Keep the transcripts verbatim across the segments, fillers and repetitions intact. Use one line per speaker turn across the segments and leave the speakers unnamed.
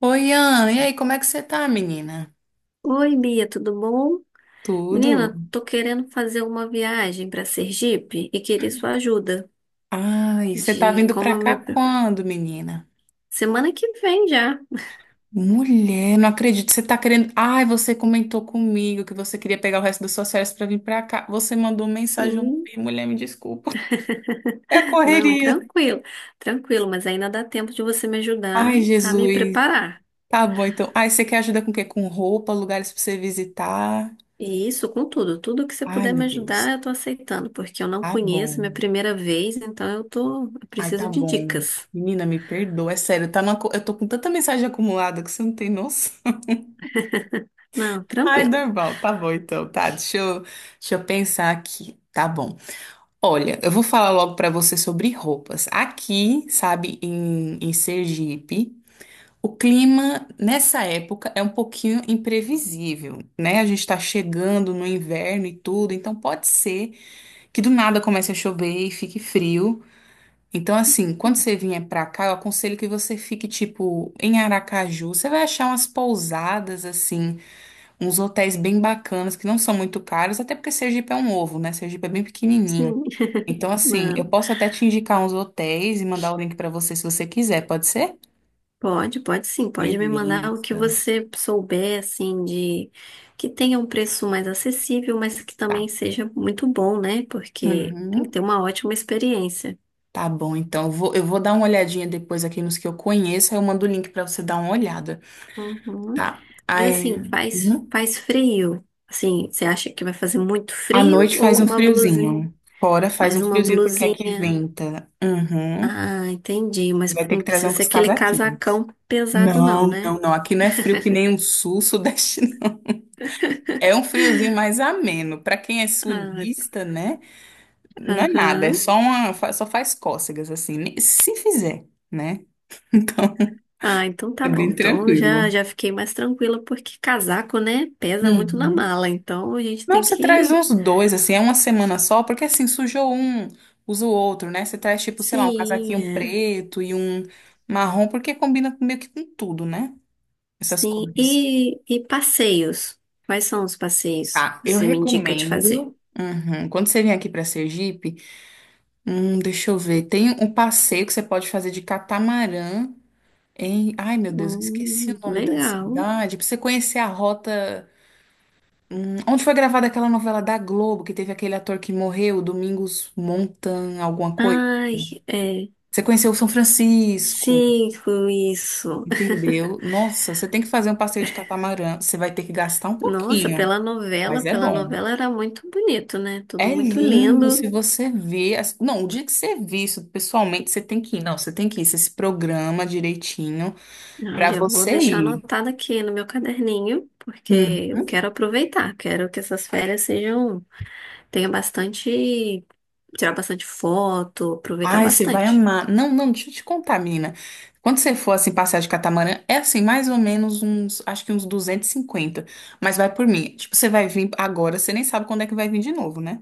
Oi, Ana, e aí, como é que você tá, menina?
Oi, Bia, tudo bom?
Tudo?
Menina, tô querendo fazer uma viagem para Sergipe e queria sua ajuda
Ai, você tá
de
vindo
como
pra
eu me...
cá quando, menina?
Semana que vem já.
Mulher, não acredito, você tá querendo... Ai, você comentou comigo que você queria pegar o resto das suas férias pra vir pra cá. Você mandou mensagem,
Hum,
eu mulher, me desculpa. É
não,
correria.
tranquilo, tranquilo, mas ainda dá tempo de você me ajudar
Ai,
a me
Jesus.
preparar.
Tá bom, então. Ai, você quer ajuda com o quê? Com roupa, lugares pra você visitar?
E isso com tudo, tudo que você
Ai,
puder
meu
me ajudar,
Deus.
eu tô aceitando, porque eu não
Tá
conheço, é minha
bom.
primeira vez, então eu tô, eu
Ai,
preciso
tá
de
bom.
dicas.
Menina, me perdoa, é sério, tá numa... co- eu tô com tanta mensagem acumulada que você não tem noção.
Não,
Ai,
tranquilo.
normal. Tá bom, então. Tá, deixa eu, deixa eu pensar aqui. Tá bom. Olha, eu vou falar logo pra você sobre roupas. Aqui, sabe, em, em Sergipe, o clima nessa época é um pouquinho imprevisível, né? A gente tá chegando no inverno e tudo, então pode ser que do nada comece a chover e fique frio. Então, assim, quando você vier pra cá, eu aconselho que você fique, tipo, em Aracaju. Você vai achar umas pousadas, assim uns hotéis bem bacanas, que não são muito caros, até porque Sergipe é um ovo, né? Sergipe é bem pequenininho.
Sim,
Então, assim, eu
não.
posso até te indicar uns hotéis e mandar o link pra você se você quiser, pode ser?
Pode, pode sim, pode me mandar o que
Beleza.
você souber, assim, de que tenha um preço mais acessível, mas que também
Tá.
seja muito bom, né? Porque tem que
Uhum.
ter uma ótima experiência.
Tá bom, então eu vou, eu vou dar uma olhadinha depois aqui nos que eu conheço, aí eu mando o link pra você dar uma olhada,
Uhum.
tá?
Mas
Aí,
assim, faz,
uhum.
faz frio. Assim, você acha que vai fazer muito
À
frio
noite faz
ou
um
uma blusinha?
friozinho. Fora faz
Mais
um
uma
friozinho porque aqui
blusinha.
venta. Uhum.
Ah, entendi.
Você
Mas
vai ter
não
que trazer
precisa ser
uns
aquele
casaquinhos.
casacão pesado, não,
Não,
né?
não, não. Aqui não é frio que nem um sul, sudeste. Não. É um friozinho mais ameno. Para quem é
Ah,
sulista, né? Não é nada, é
aham.
só uma, fa- só faz cócegas assim, ne- se fizer, né? Então,
Ah, então
é
tá bom.
bem
Então
tranquilo.
já, já fiquei mais tranquila, porque casaco, né, pesa muito na
Uhum.
mala. Então a gente
Não,
tem
você traz
que.
os dois, assim, é uma semana só, porque assim, sujou um, usa o outro, né? Você traz, tipo, sei lá, um
Sim,
casaquinho
é.
preto e um marrom, porque combina com- meio que com tudo, né? Essas
Sim.
cores.
E, e passeios? Quais são os passeios
Tá,
que
eu
você me indica de fazer?
recomendo. Uhum. Quando você vier aqui para Sergipe, hum, deixa eu ver. Tem um passeio que você pode fazer de catamarã em. Ai, meu Deus, eu esqueci o
Hum,
nome da
legal.
cidade. Pra você conhecer a rota. Hum, onde foi gravada aquela novela da Globo, que teve aquele ator que morreu, Domingos Montan, alguma coisa.
Ai, é.
Você conheceu São Francisco,
Cinco, isso.
entendeu? Nossa, você tem que fazer um passeio de catamarã. Você vai ter que gastar um
Nossa,
pouquinho,
pela novela,
mas é
pela
bom.
novela era muito bonito, né? Tudo
É
muito
lindo se
lindo.
você vê. as- Não, o dia que você vê isso pessoalmente, você tem que ir. Não, você tem que ir. Você se programa direitinho.
Ah,
Pra
já vou
você
deixar
ir.
anotado aqui no meu caderninho, porque
Uhum.
eu quero aproveitar, quero que essas férias sejam, tenha bastante, tirar bastante foto, aproveitar
Ai, você vai
bastante.
amar. Não, não, deixa eu te contar, menina. Quando você for assim passear de catamarã, é assim, mais ou menos uns, acho que uns duzentos e cinquenta. Mas vai por mim. Tipo, você vai vir agora, você nem sabe quando é que vai vir de novo, né?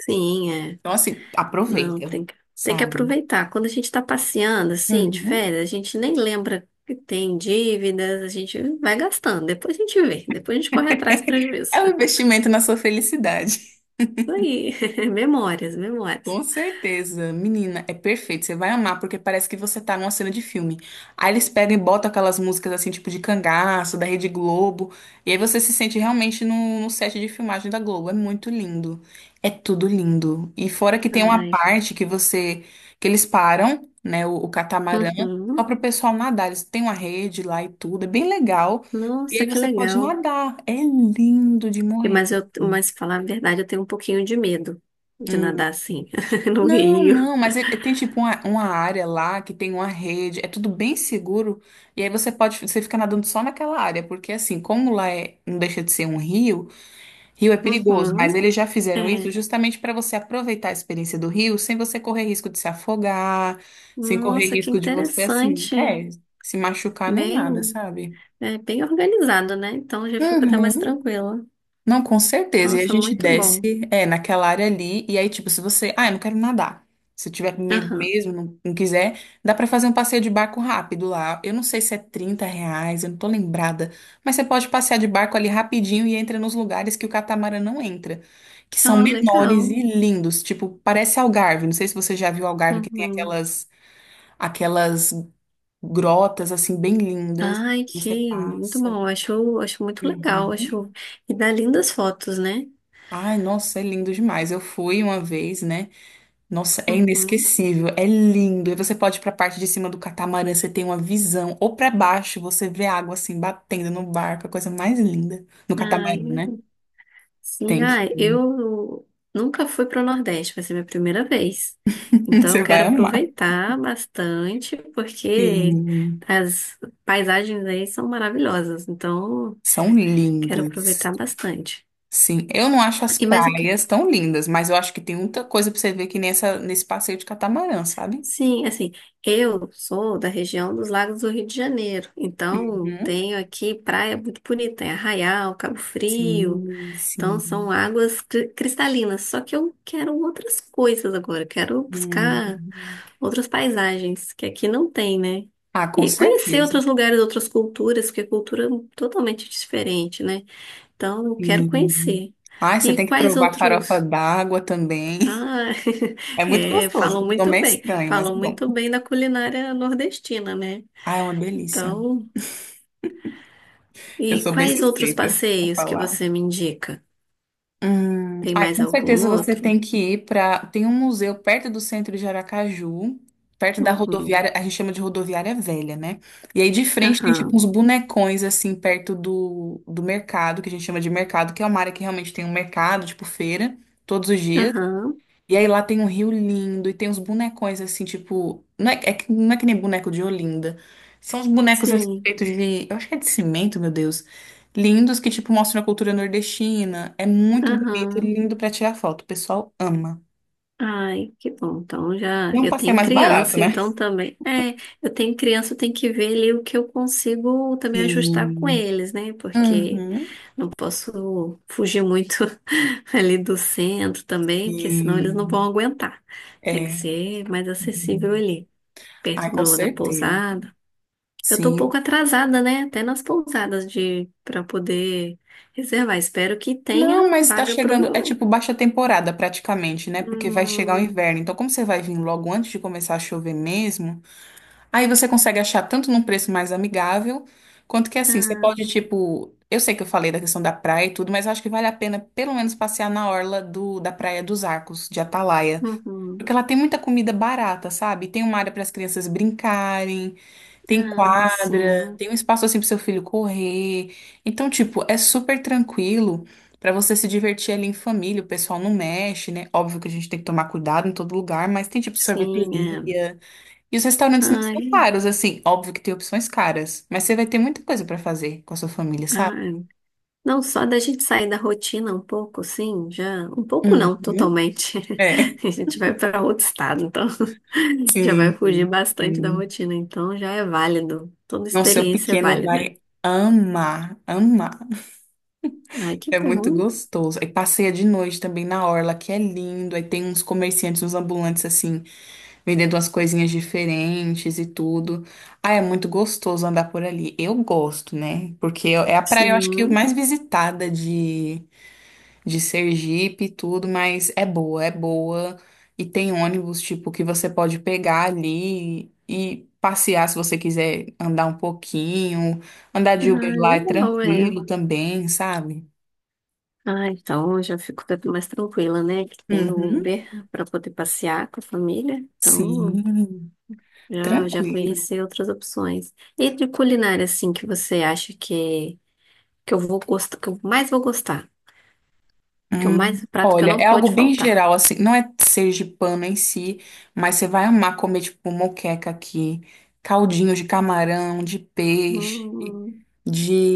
Sim, é.
Então assim,
Não,
aproveita,
tem que, tem que
sabe?
aproveitar. Quando a gente tá passeando, assim, de
Uhum.
férias, a gente nem lembra que tem dívidas, a gente vai gastando. Depois a gente vê, depois a gente corre atrás do prejuízo.
É um investimento na sua felicidade.
Isso aí, memórias, memórias.
Com certeza, menina, é perfeito. Você vai amar, porque parece que você tá numa cena de filme. Aí eles pegam e botam aquelas músicas assim, tipo de cangaço, da Rede Globo. E aí você se sente realmente no, no set de filmagem da Globo. É muito lindo. É tudo lindo. E fora que tem uma
Ai,
parte que você, que eles param, né, o, o catamarã, só
uhum.
pro pessoal nadar. Eles têm uma rede lá e tudo. É bem legal. E
Nossa,
aí
que
você pode
legal.
nadar. É lindo de
E,
morrer.
Mas, eu, mas falar a verdade, eu tenho um pouquinho de medo de
Hum.
nadar assim, no
Não,
rio.
não, mas é- é- tem tipo uma, uma área lá que tem uma rede, é tudo bem seguro, e aí você pode, você fica nadando só naquela área, porque assim, como lá é, não deixa de ser um rio, rio é perigoso, mas
Uhum,
eles já fizeram isso
é.
justamente para você aproveitar a experiência do rio sem você correr risco de se afogar, sem correr
Nossa, que
risco de você, assim,
interessante.
é, se machucar nem nada,
Bem,
sabe?
é, bem organizado, né? Então já fico até mais
Uhum.
tranquila.
Não, com certeza. E a
Nossa,
gente
muito bom.
desce, é, naquela área ali. E aí, tipo, se você. Ah, eu não quero nadar. Se tiver com medo
Aham.
mesmo, não, não quiser, dá pra fazer um passeio de barco rápido lá. Eu não sei se é trinta reais, eu não tô lembrada. Mas você pode passear de barco ali rapidinho e entra nos lugares que o catamarã não entra, que são
Ah,
menores e
legal.
lindos. Tipo, parece Algarve. Não sei se você já viu Algarve, que tem
Uhum.
aquelas, aquelas grotas, assim, bem lindas.
Ai,
Que você
que muito
passa.
bom. Acho, acho muito legal.
Uhum.
Acho... E dá lindas fotos, né?
Ai, nossa, é lindo demais. Eu fui uma vez, né? Nossa, é
Uhum.
inesquecível, é lindo. E você pode ir pra parte de cima do catamarã, você tem uma visão. Ou pra baixo, você vê a água assim batendo no barco, é a coisa mais linda. No
Ai,
catamarã, né?
Sim,
Tem que
ah,
ir.
eu nunca fui para o Nordeste, vai ser minha primeira vez. Então eu
Você
quero
vai amar.
aproveitar bastante, porque
Sim,
as paisagens aí são maravilhosas. Então
são
quero
lindas.
aproveitar bastante.
Sim, eu não acho as
E mais o que?
praias tão lindas, mas eu acho que tem muita coisa pra você ver que nessa, nesse passeio de catamarã, sabe?
Sim, assim, eu sou da região dos Lagos do Rio de Janeiro, então
Uhum.
tenho aqui praia muito bonita, é Arraial, Cabo Frio,
Sim,
então
sim.
são águas cri- cristalinas. Só que eu quero outras coisas agora, eu quero buscar
Uhum.
outras paisagens, que aqui não tem, né?
Ah, com
E conhecer
certeza.
outros lugares, outras culturas, porque cultura é totalmente diferente, né? Então, eu quero
Sim.
conhecer.
Ai, você
E
tem que
quais
provar farofa
outros?
d'água também.
Ah,
É muito
é,
gostoso.
falam
O nome
muito
é
bem.
estranho, mas é
Falam
bom.
muito bem da culinária nordestina, né?
Ai, é uma delícia.
Então,
Eu
e
sou bem
quais outros
suspeita pra
passeios que
falar.
você me indica?
Hum,
Tem
ai,
mais
com
algum
certeza você
outro?
tem que ir para. Tem um museu perto do centro de Aracaju, perto da
Uhum.
rodoviária, a gente chama de rodoviária velha, né? E aí de frente tem tipo
Aham.
uns bonecões assim perto do, do mercado, que a gente chama de mercado, que é uma área que realmente tem um mercado, tipo feira, todos os dias.
Aham.
E aí lá tem um rio lindo e tem uns bonecões assim, tipo. Não é, é que- não é que nem boneco de Olinda. São uns bonecos assim,
Sim.
feitos de. Eu acho que é de cimento, meu Deus. Lindos que, tipo, mostram a cultura nordestina. É muito bonito e
Aham.
lindo pra tirar foto. O pessoal ama.
Ai, que bom. Então já
E é um
eu
passeio
tenho
mais barato,
criança,
né?
então também. É, eu tenho criança, eu tenho que ver ali o que eu consigo também ajustar com
Sim.
eles, né? Porque
Uhum.
não posso fugir muito ali do centro também, porque senão eles não vão
Sim.
aguentar. Tem que
É.
ser mais acessível ali, perto
Ai, com
do, da
certeza.
pousada. Eu tô um pouco
Sim.
atrasada, né? Até nas pousadas de para poder reservar. Espero que
Não,
tenha
mas tá
vaga pro
chegando. É
meu.
tipo baixa temporada praticamente, né? Porque vai chegar o
Hum,
inverno. Então, como você vai vir logo antes de começar a chover mesmo. Aí você consegue achar tanto num preço mais amigável, quanto que assim, você
ah,
pode, tipo, eu sei que eu falei da questão da praia e tudo, mas eu acho que vale a pena pelo menos passear na orla do, da Praia dos Arcos, de Atalaia, porque
uhum.
ela tem muita comida barata, sabe? Tem uma área para as crianças brincarem, tem
Ah,
quadra,
sim,
tem um espaço assim para seu filho correr. Então, tipo, é super tranquilo. Para você se divertir ali em família, o pessoal não mexe, né? Óbvio que a gente tem que tomar cuidado em todo lugar, mas tem tipo
sim, é.
sorveteria. E os restaurantes não são
Ai,
caros, assim. Óbvio que tem opções caras, mas você vai ter muita coisa pra fazer com a sua família, sabe?
ai. Não, só da gente sair da rotina um pouco, sim, já. Um pouco não,
Uhum.
totalmente.
É,
A gente vai para outro estado, então já vai
sim,
fugir bastante da
sim.
rotina, então já é válido. Toda
Nossa, seu
experiência é
pequeno
válida.
vai amar, amar.
Ai, que
É
bom.
muito gostoso. Aí passeia de noite também na orla, que é lindo. Aí tem uns comerciantes, uns ambulantes, assim, vendendo umas coisinhas diferentes e tudo. Ah, é muito gostoso andar por ali. Eu gosto, né? Porque é a praia, eu acho que,
Sim.
mais visitada de de Sergipe e tudo, mas é boa, é boa. E tem ônibus, tipo, que você pode pegar ali e passear se você quiser andar um pouquinho. Andar de Uber
Ah,
lá é
legal,
tranquilo
é.
também, sabe?
Ah, então eu já fico mais tranquila, né? Que tem o
Uhum.
Uber para poder passear com a família. Então
Sim,
Já, já
tranquilo.
conheci outras opções. E de culinária, assim, que você acha que, que eu vou gostar, que eu mais vou gostar, que é o
Hum,
mais prato que eu
Olha, é
não
algo
pode
bem
faltar.
geral, assim, não é sergipano em si, mas você vai amar comer, tipo, moqueca aqui, caldinho de camarão, de peixe,
Hum,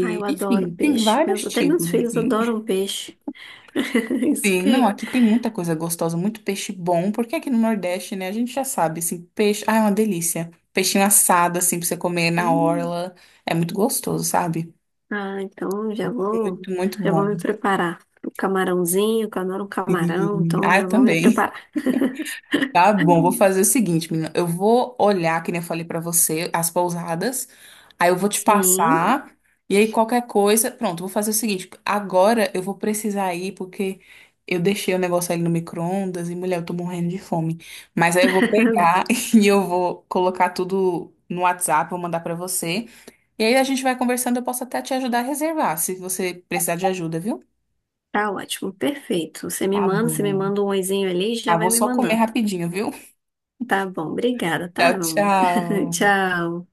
ai, eu adoro
Enfim, tem
peixe. Meus,
vários
até meus
tipos,
filhos
assim.
adoram peixe. Isso
Sim, não,
que.
aqui tem muita coisa gostosa, muito peixe bom, porque aqui no Nordeste, né, a gente já sabe, assim, peixe, ah, é uma delícia. Peixinho assado, assim, pra você comer na
Hum,
orla, é muito gostoso, sabe?
ah, então já vou,
Muito, muito
já vou
bom.
me preparar. O camarãozinho, que eu adoro um camarão,
Sim.
então
Ah,
já
eu
vou me
também.
preparar.
Tá bom, vou fazer o seguinte, menina. Eu vou olhar, que nem eu falei pra você, as pousadas. Aí eu vou te
Sim,
passar. E aí qualquer coisa. Pronto, vou fazer o seguinte. Agora eu vou precisar ir, porque eu deixei o negócio ali no micro-ondas e, mulher, eu tô morrendo de fome. Mas aí eu vou pegar e eu vou colocar tudo no WhatsApp, vou mandar pra você. E aí a gente vai conversando. Eu posso até te ajudar a reservar, se você precisar de ajuda, viu?
tá ótimo, perfeito. Você me
Tá
manda, você me
bom.
manda um oizinho ali e já
Ah,
vai
vou
me
só comer
mandando.
rapidinho, viu?
Tá bom, obrigada, tá,
Tchau,
meu amor?
tchau.
Tchau.